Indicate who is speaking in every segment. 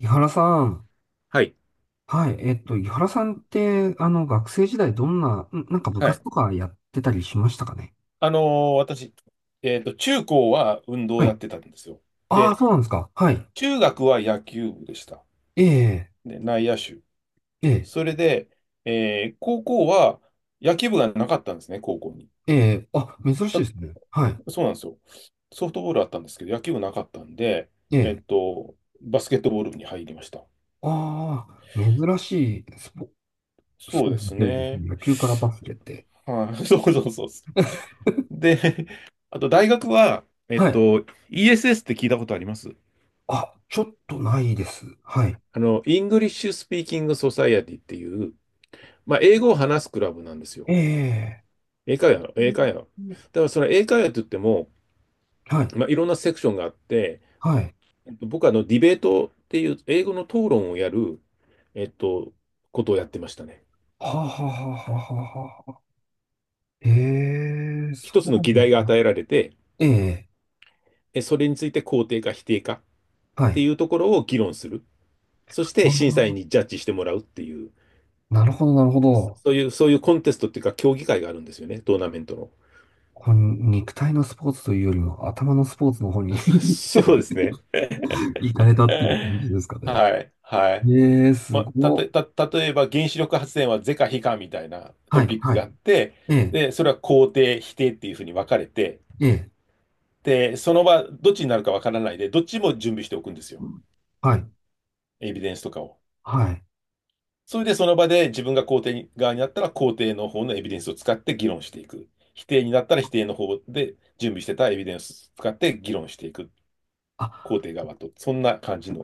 Speaker 1: 井原さん。
Speaker 2: はい。
Speaker 1: はい。井原さんって、学生時代どんな、んなんか部
Speaker 2: は
Speaker 1: 活
Speaker 2: い。
Speaker 1: とかやってたりしましたかね？
Speaker 2: あのー私、中高は運動
Speaker 1: は
Speaker 2: をや
Speaker 1: い。
Speaker 2: ってたんですよ。
Speaker 1: ああ、
Speaker 2: で、
Speaker 1: そうなんですか。はい。
Speaker 2: 中学は野球部でした。
Speaker 1: ええ、
Speaker 2: で、内野手。
Speaker 1: ええ、
Speaker 2: それで、高校は野球部がなかったんですね、高校に。
Speaker 1: ええ、あ、珍しいですね。はい。
Speaker 2: そうなんですよ。ソフトボールあったんですけど、野球部なかったんで、
Speaker 1: え
Speaker 2: えっ
Speaker 1: え、
Speaker 2: と、バスケットボール部に入りました。
Speaker 1: ああ、珍しいスポ、ス
Speaker 2: そ
Speaker 1: ポ
Speaker 2: う
Speaker 1: ー
Speaker 2: で
Speaker 1: ツの
Speaker 2: す
Speaker 1: 系列です
Speaker 2: ね。
Speaker 1: ね。野球からバスケって。
Speaker 2: はい、そうそうそうそう。で、あと大学は、
Speaker 1: はい。
Speaker 2: ESS って聞いたことあります？
Speaker 1: あ、ちょっとないです。はい。
Speaker 2: イングリッシュスピーキングソサイエティっていう、まあ、英語を話すクラブなんですよ。
Speaker 1: ええ、
Speaker 2: 英会話、英会話。だからその英会話って言っても、
Speaker 1: はい。
Speaker 2: まあ、いろんなセクションがあって、
Speaker 1: はい。
Speaker 2: 僕はディベートっていう英語の討論をやる、えっと、ことをやってましたね。
Speaker 1: はあ、はあ、はあ、はあ、はあはあ。ええ、そ
Speaker 2: 一つ
Speaker 1: う
Speaker 2: の
Speaker 1: な
Speaker 2: 議
Speaker 1: んで
Speaker 2: 題
Speaker 1: す
Speaker 2: が
Speaker 1: ね。
Speaker 2: 与えられて、
Speaker 1: ええ、
Speaker 2: それについて肯定か否定かっ
Speaker 1: は
Speaker 2: て
Speaker 1: い。
Speaker 2: いうところを議論する。そ
Speaker 1: あ
Speaker 2: して審査員に
Speaker 1: ー、
Speaker 2: ジャッジしてもらうっていう、
Speaker 1: なるほど、なるほど。
Speaker 2: そういうコンテストっていうか競技会があるんですよね、トーナメントの。
Speaker 1: こう肉体のスポーツというよりも頭のスポーツの方に
Speaker 2: あ そ うですね。
Speaker 1: 行かれたっていう感じですかね？
Speaker 2: はい、はい。
Speaker 1: ええ、
Speaker 2: ま
Speaker 1: す
Speaker 2: あ、た
Speaker 1: ごっ。
Speaker 2: とた、例えば原子力発電は是か非かみたいな
Speaker 1: は
Speaker 2: ト
Speaker 1: い、
Speaker 2: ピック
Speaker 1: は
Speaker 2: があっ
Speaker 1: い。
Speaker 2: て、
Speaker 1: ええ、
Speaker 2: で、それは肯定、否定っていうふうに分かれて、
Speaker 1: ええ、
Speaker 2: で、その場、どっちになるか分からないで、どっちも準備しておくんですよ。
Speaker 1: はい、
Speaker 2: エビデンスとかを。
Speaker 1: はい。
Speaker 2: それでその場で自分が肯定側になったら肯定の方のエビデンスを使って議論していく。否定になったら否定の方で準備してたエビデンスを使って議論していく。肯
Speaker 1: あ、
Speaker 2: 定側と。そんな感じの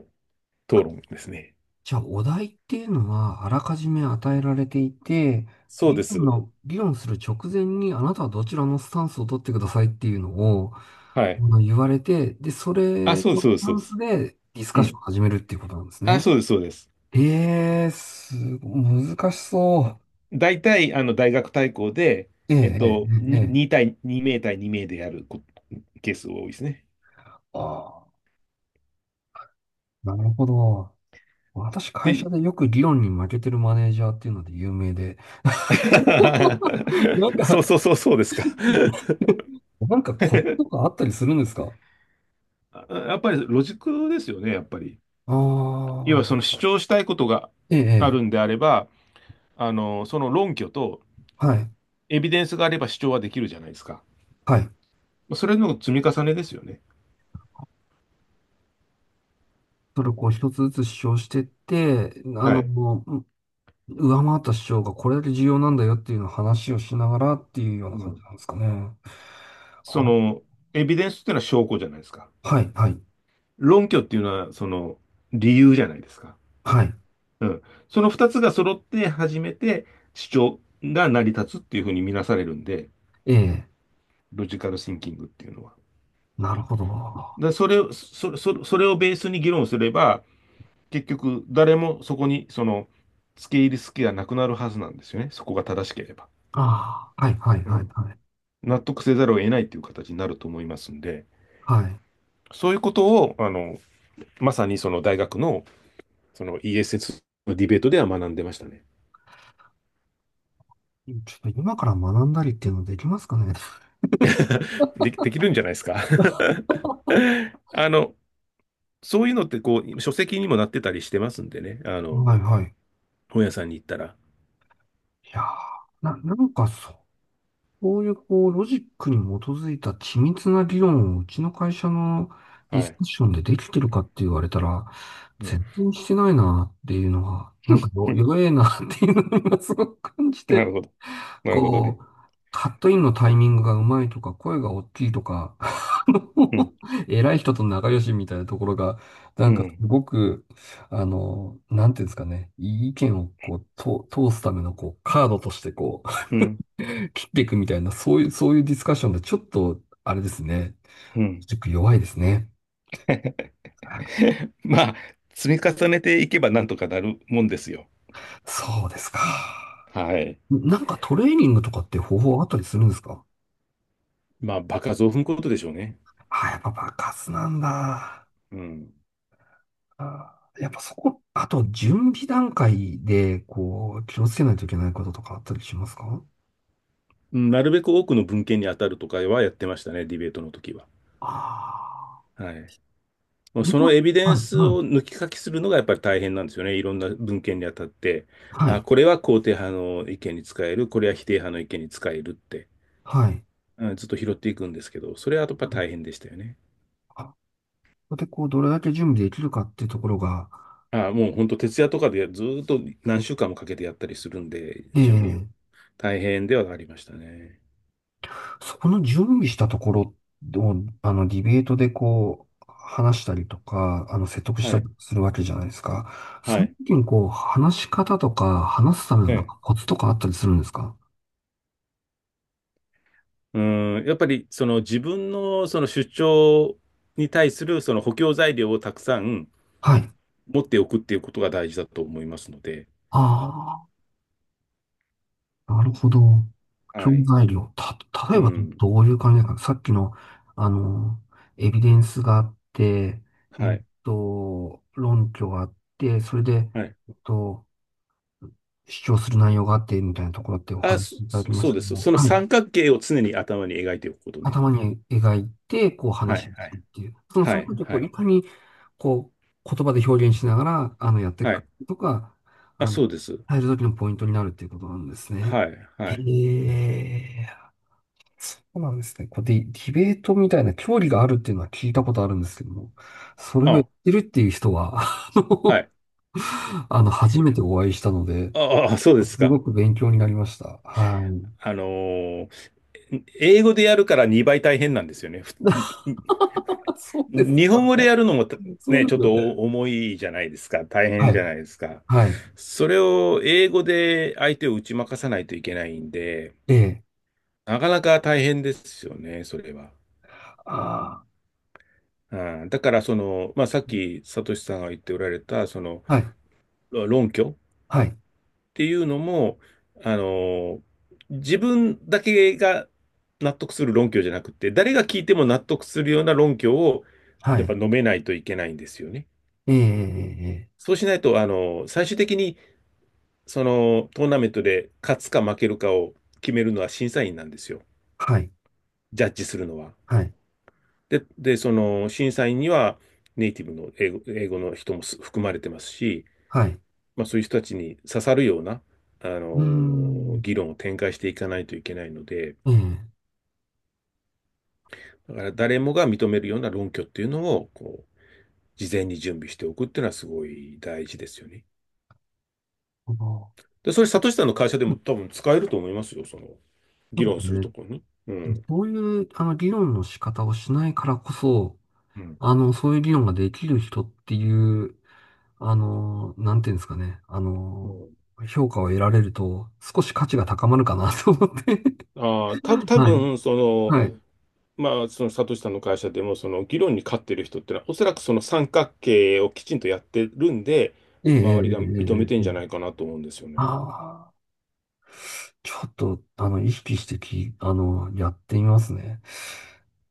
Speaker 2: 討
Speaker 1: あ
Speaker 2: 論ですね。
Speaker 1: じゃあ、お題っていうのは、あらかじめ与えられていて、
Speaker 2: そう
Speaker 1: 議
Speaker 2: で
Speaker 1: 論
Speaker 2: す。
Speaker 1: の、議論する直前に、あなたはどちらのスタンスを取ってくださいっていうのを、
Speaker 2: はい。
Speaker 1: まあの言われて、で、そ
Speaker 2: あ、
Speaker 1: れ
Speaker 2: そうで
Speaker 1: の
Speaker 2: す、そ
Speaker 1: ス
Speaker 2: うです。
Speaker 1: タ
Speaker 2: そう
Speaker 1: ン
Speaker 2: で
Speaker 1: ス
Speaker 2: す、
Speaker 1: でディスカ
Speaker 2: う
Speaker 1: ッション
Speaker 2: ん。
Speaker 1: を始めるっていうことなんです
Speaker 2: あ、
Speaker 1: ね。
Speaker 2: そうです、そうです。
Speaker 1: ええ、すご、難しそ
Speaker 2: 大体、大学対抗で、
Speaker 1: う。ええ、ええ、え
Speaker 2: に
Speaker 1: え。
Speaker 2: 2対2名対2名でやるケースが多いですね。
Speaker 1: ああ、なるほど。私、会社
Speaker 2: で、
Speaker 1: でよく理論に負けてるマネージャーっていうので有名で。なん
Speaker 2: そ
Speaker 1: か、
Speaker 2: うそうそうそうですか。
Speaker 1: なんかコツとかあったりするんですか？
Speaker 2: あ、やっぱりロジックですよね、やっぱり。
Speaker 1: あ
Speaker 2: 要はそ
Speaker 1: あ、
Speaker 2: の主張したいことが
Speaker 1: え
Speaker 2: あ
Speaker 1: え、え
Speaker 2: るん
Speaker 1: え、
Speaker 2: であれば、その論拠と
Speaker 1: はい、
Speaker 2: エビデンスがあれば主張はできるじゃないですか。
Speaker 1: はい。
Speaker 2: それの積み重ねですよね。
Speaker 1: それをこう一つずつ主張してって、
Speaker 2: はい。
Speaker 1: う上回った主張がこれだけ重要なんだよっていうのを話をしながらっていうような
Speaker 2: う
Speaker 1: 感じ
Speaker 2: ん。
Speaker 1: なんですかね？
Speaker 2: そ
Speaker 1: あ、
Speaker 2: の、エビデンスっていうのは証拠じゃないですか。
Speaker 1: はい、はい、
Speaker 2: 論拠っていうのは、その、理由じゃないですか。
Speaker 1: はい。
Speaker 2: うん。その二つが揃って初めて主張が成り立つっていうふうに見なされるんで、
Speaker 1: ええ、
Speaker 2: ロジカルシンキングっていうのは。
Speaker 1: なるほど。あ
Speaker 2: それを、それをベースに議論すれば、結局誰もそこに、その、付け入る隙がなくなるはずなんですよね。そこが正しければ。
Speaker 1: あ、はい、はい、
Speaker 2: う
Speaker 1: はい、
Speaker 2: ん。
Speaker 1: はい。
Speaker 2: 納得せざるを得ないっていう形になると思いますんで、
Speaker 1: はい。
Speaker 2: そういうことを、まさにその大学の、その ESS のディベートでは学んでましたね。
Speaker 1: ちょっと今から学んだりっていうのできますかね？
Speaker 2: できるんじゃないですか。あの、そういうのってこう、書籍にもなってたりしてますんでね。
Speaker 1: はい、はい。い
Speaker 2: 本屋さんに行ったら。
Speaker 1: やー、なんかそう、こういうこうロジックに基づいた緻密な理論をうちの会社のディ
Speaker 2: は
Speaker 1: スカ
Speaker 2: い。
Speaker 1: ッションでできてるかって言われたら、
Speaker 2: うん。
Speaker 1: 全然してないなっていうのは、なんかよ 弱えなっていうのを今すごく感じ
Speaker 2: なる
Speaker 1: て、
Speaker 2: ほど。なるほど
Speaker 1: こ
Speaker 2: ね。
Speaker 1: う、カットインのタイミングがうまいとか、声が大きいとか、あ
Speaker 2: う
Speaker 1: の
Speaker 2: ん。
Speaker 1: 偉い人と仲良しみたいなところが、な
Speaker 2: う
Speaker 1: んかす
Speaker 2: ん。
Speaker 1: ごく、なんていうんですかね、意見をこう、と通すためのこう、カードとしてこう、
Speaker 2: うん。
Speaker 1: 切っていくみたいな、そういうディスカッションで、ちょっと、あれですね。
Speaker 2: うん。
Speaker 1: ちょっと弱いですね。
Speaker 2: まあ、積み重ねていけばなんとかなるもんですよ。
Speaker 1: そうですか。
Speaker 2: はい。
Speaker 1: なんかトレーニングとかって方法あったりするんですか？
Speaker 2: まあ、場数を踏むことでしょうね。
Speaker 1: あ、やっぱ爆発なんだ。
Speaker 2: うん。
Speaker 1: あやっぱそこ、あと準備段階で、こう、気をつけないといけないこととかあったりしますか？
Speaker 2: うん、なるべく多くの文献に当たるとかはやってましたね、ディベートの時は。
Speaker 1: ああ
Speaker 2: はい。もう
Speaker 1: ー、
Speaker 2: そ
Speaker 1: 今、
Speaker 2: のエビデ
Speaker 1: は
Speaker 2: ン
Speaker 1: い、
Speaker 2: ス
Speaker 1: はい、
Speaker 2: を抜き書きするのがやっぱり大変なんですよね。いろんな文献にあたって。
Speaker 1: は
Speaker 2: あ、
Speaker 1: い、
Speaker 2: これは肯定派の意見に使える、これは否定派の意見に使えるって、
Speaker 1: はい。
Speaker 2: うん、ずっと拾っていくんですけど、それはやっぱり
Speaker 1: うん
Speaker 2: 大変でしたよね。
Speaker 1: あそこで、こう、どれだけ準備できるかっていうところが、
Speaker 2: あ、もう本当徹夜とかでずーっと何週間もかけてやったりするんで、準備を。
Speaker 1: ええ、
Speaker 2: 大変ではありましたね。
Speaker 1: そこの準備したところを、ディベートでこう、話したりとか、説得し
Speaker 2: は
Speaker 1: たり
Speaker 2: い。
Speaker 1: するわけじゃないですか。そ
Speaker 2: は
Speaker 1: の
Speaker 2: い。
Speaker 1: 時にこう、話し方とか、話すための
Speaker 2: え
Speaker 1: なん
Speaker 2: え。
Speaker 1: かコツとかあったりするんですか？
Speaker 2: うん、やっぱりその自分のその主張に対するその補強材料をたくさん
Speaker 1: はい。
Speaker 2: 持っておくっていうことが大事だと思いますので、
Speaker 1: ああ、なるほど。教
Speaker 2: はい。
Speaker 1: 材料。た、例
Speaker 2: う
Speaker 1: えば
Speaker 2: ん。
Speaker 1: どういう感じですか？さっきの、あの、エビデンスがあって、えっ
Speaker 2: はい。
Speaker 1: 論拠があって、それで、
Speaker 2: はい。
Speaker 1: えっと、主張する内容があって、みたいなところってお
Speaker 2: あ、
Speaker 1: 話しいただきまし
Speaker 2: そう
Speaker 1: たけ
Speaker 2: で
Speaker 1: ど
Speaker 2: す。
Speaker 1: も、
Speaker 2: その
Speaker 1: はい。
Speaker 2: 三角形を常に頭に描いておくことね。
Speaker 1: 頭に描いて、こう
Speaker 2: は
Speaker 1: 話を
Speaker 2: い。は
Speaker 1: する
Speaker 2: い。
Speaker 1: っていう。その
Speaker 2: は
Speaker 1: その
Speaker 2: い。
Speaker 1: 時をこ
Speaker 2: は
Speaker 1: う
Speaker 2: い。
Speaker 1: いかに、こう、言葉で表現しながら、やってい
Speaker 2: は
Speaker 1: くか
Speaker 2: い。
Speaker 1: とか、
Speaker 2: あ、
Speaker 1: あの、
Speaker 2: そうです。
Speaker 1: 入る時のポイントになるっていうことなんですね。
Speaker 2: はい。
Speaker 1: へ
Speaker 2: はい。
Speaker 1: え、そうなんですね。こうディベートみたいな競技があるっていうのは聞いたことあるんですけども、それをやっ
Speaker 2: あ、
Speaker 1: てるっていう人は、
Speaker 2: はい。
Speaker 1: 初めてお会いしたので、
Speaker 2: ああ、そうです
Speaker 1: す
Speaker 2: か。
Speaker 1: ごく勉強になりました。はい。
Speaker 2: あのー英語でやるから2倍大変なんですよね。ふに
Speaker 1: そうで
Speaker 2: に
Speaker 1: す
Speaker 2: 日本
Speaker 1: よ
Speaker 2: 語で
Speaker 1: ね。
Speaker 2: やるのもた、
Speaker 1: そ
Speaker 2: ね、
Speaker 1: うで
Speaker 2: ちょ
Speaker 1: す
Speaker 2: っ
Speaker 1: よ
Speaker 2: と
Speaker 1: ね。
Speaker 2: お重いじゃないですか。大
Speaker 1: は
Speaker 2: 変じ
Speaker 1: い。
Speaker 2: ゃないですか。
Speaker 1: はい。
Speaker 2: それを英語で相手を打ち負かさないといけないんで、
Speaker 1: ええ、
Speaker 2: なかなか大変ですよね、それは。
Speaker 1: あ
Speaker 2: うん、だからその、まあ、さっきサトシさんが言っておられたその
Speaker 1: あ、はい、
Speaker 2: 論拠っ
Speaker 1: はい、
Speaker 2: ていうのも、あの自分だけが納得する論拠じゃなくて誰が聞いても納得するような論拠を
Speaker 1: は
Speaker 2: やっ
Speaker 1: い。
Speaker 2: ぱ述べないといけないんですよね。
Speaker 1: ええ、ええ、ええ、
Speaker 2: そうしないと最終的にそのトーナメントで勝つか負けるかを決めるのは審査員なんですよ。
Speaker 1: はい、
Speaker 2: ジャッジするのは。
Speaker 1: はい、
Speaker 2: でその審査員にはネイティブの英語の人も含まれてますし、
Speaker 1: はい。
Speaker 2: まあ、そういう人たちに刺さるような、あの
Speaker 1: うー
Speaker 2: ー
Speaker 1: ん、
Speaker 2: 議論を展開していかないといけないので、
Speaker 1: ええ、
Speaker 2: だから誰もが認めるような論拠っていうのを、こう、事前に準備しておくっていうのはすごい大事ですよね。
Speaker 1: あの
Speaker 2: で、それ、サトシさんの会社で
Speaker 1: うん
Speaker 2: も多分使えると思いますよ、その、
Speaker 1: そ
Speaker 2: 議
Speaker 1: う
Speaker 2: 論する
Speaker 1: で
Speaker 2: とこ
Speaker 1: す
Speaker 2: ろに。う
Speaker 1: ね。
Speaker 2: ん。
Speaker 1: そういう、議論の仕方をしないからこそ、
Speaker 2: うん。
Speaker 1: そういう議論ができる人っていう、なんていうんですかね、
Speaker 2: うん、
Speaker 1: 評価を得られると、少し価値が高まるかなと思って。
Speaker 2: ああ、多
Speaker 1: はい、
Speaker 2: 分その、
Speaker 1: はい。
Speaker 2: まあ、その、サトシさんの会社でも、その、議論に勝ってる人ってのは、おそらくその三角形をきちんとやってるんで、
Speaker 1: ええ、ええ、ええ、
Speaker 2: 周りが認め
Speaker 1: え
Speaker 2: てん
Speaker 1: え。え
Speaker 2: じゃな
Speaker 1: え、
Speaker 2: いかなと思うんですよね。
Speaker 1: ああ。ちょっと、意識してき、やってみますね。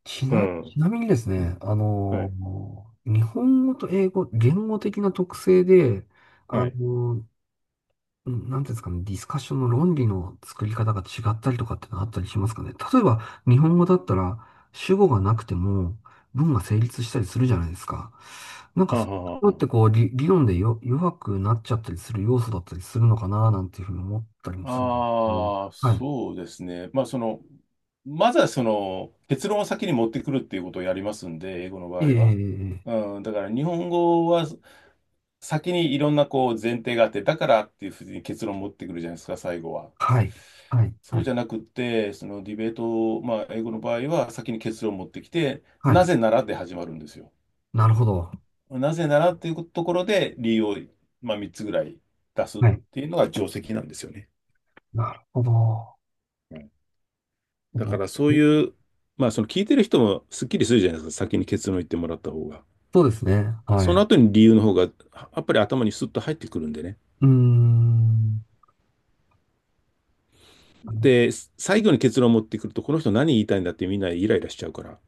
Speaker 1: ち
Speaker 2: う
Speaker 1: な、ち
Speaker 2: ん。
Speaker 1: なみにですね、
Speaker 2: はい。
Speaker 1: 日本語と英語、言語的な特性で、あ
Speaker 2: はい。
Speaker 1: の、なんていうんですかね、ディスカッションの論理の作り方が違ったりとかってのあったりしますかね？例えば、日本語だったら、主語がなくても、文が成立したりするじゃないですか。なんか、
Speaker 2: あ
Speaker 1: そういう
Speaker 2: は
Speaker 1: ところっ
Speaker 2: は。
Speaker 1: てこう、理論でよ、弱くなっちゃったりする要素だったりするのかな、なんていうふうに思ったりも
Speaker 2: あ
Speaker 1: するんですけど。
Speaker 2: ああ、
Speaker 1: はい。
Speaker 2: そうですね。まあ、その、まずはその、結論を先に持ってくるっていうことをやりますんで、英語の
Speaker 1: え
Speaker 2: 場
Speaker 1: え、え
Speaker 2: 合
Speaker 1: え、
Speaker 2: は。
Speaker 1: ええ、
Speaker 2: うん、だから日本語は先にいろんなこう前提があって、だからっていうふうに結論を持ってくるじゃないですか、最後は。
Speaker 1: はい、はい、
Speaker 2: そ
Speaker 1: は
Speaker 2: う
Speaker 1: い、
Speaker 2: じゃなくって、そのディベートを、まあ、英語の場合は先に結論を持ってきて、
Speaker 1: は
Speaker 2: な
Speaker 1: い。
Speaker 2: ぜならで始まるんですよ。
Speaker 1: なるほど。
Speaker 2: なぜならっていうところで理由を、まあ、3つぐらい出すっ
Speaker 1: はい。
Speaker 2: ていうのが定石なんですよね。
Speaker 1: なるほど。
Speaker 2: はい。だからそう
Speaker 1: え
Speaker 2: いう、まあその聞いてる人もすっきりするじゃないですか、先に結論言ってもらった方が。
Speaker 1: そうですね。は
Speaker 2: その
Speaker 1: い。
Speaker 2: 後に理由の方がやっぱり頭にスッと入ってくるんでね。
Speaker 1: うーん。あの、
Speaker 2: で、最後に結論を持ってくると、この人何言いたいんだってみんなイライラしちゃうから。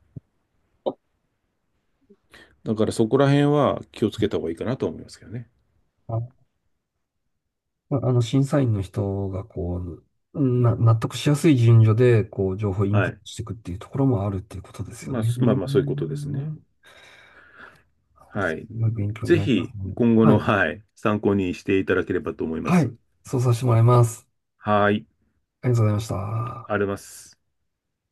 Speaker 2: だからそこら辺は気をつけた方がいいかなと思いますけどね。
Speaker 1: ああの審査員の人が、こう、納得しやすい順序で、こう、情報をイン
Speaker 2: は
Speaker 1: プッ
Speaker 2: い。
Speaker 1: トしていくっていうところもあるっていうことですよ
Speaker 2: まあ、
Speaker 1: ね。
Speaker 2: まあまあそういうことですね。は
Speaker 1: す
Speaker 2: い。
Speaker 1: ごい勉強に
Speaker 2: ぜ
Speaker 1: なります
Speaker 2: ひ
Speaker 1: ね。
Speaker 2: 今後
Speaker 1: は
Speaker 2: の、
Speaker 1: い。
Speaker 2: はい、参考にしていただければと思いま
Speaker 1: は
Speaker 2: す。
Speaker 1: い。そうさせてもらいます。
Speaker 2: はーい、
Speaker 1: ありがとうございました。
Speaker 2: あります。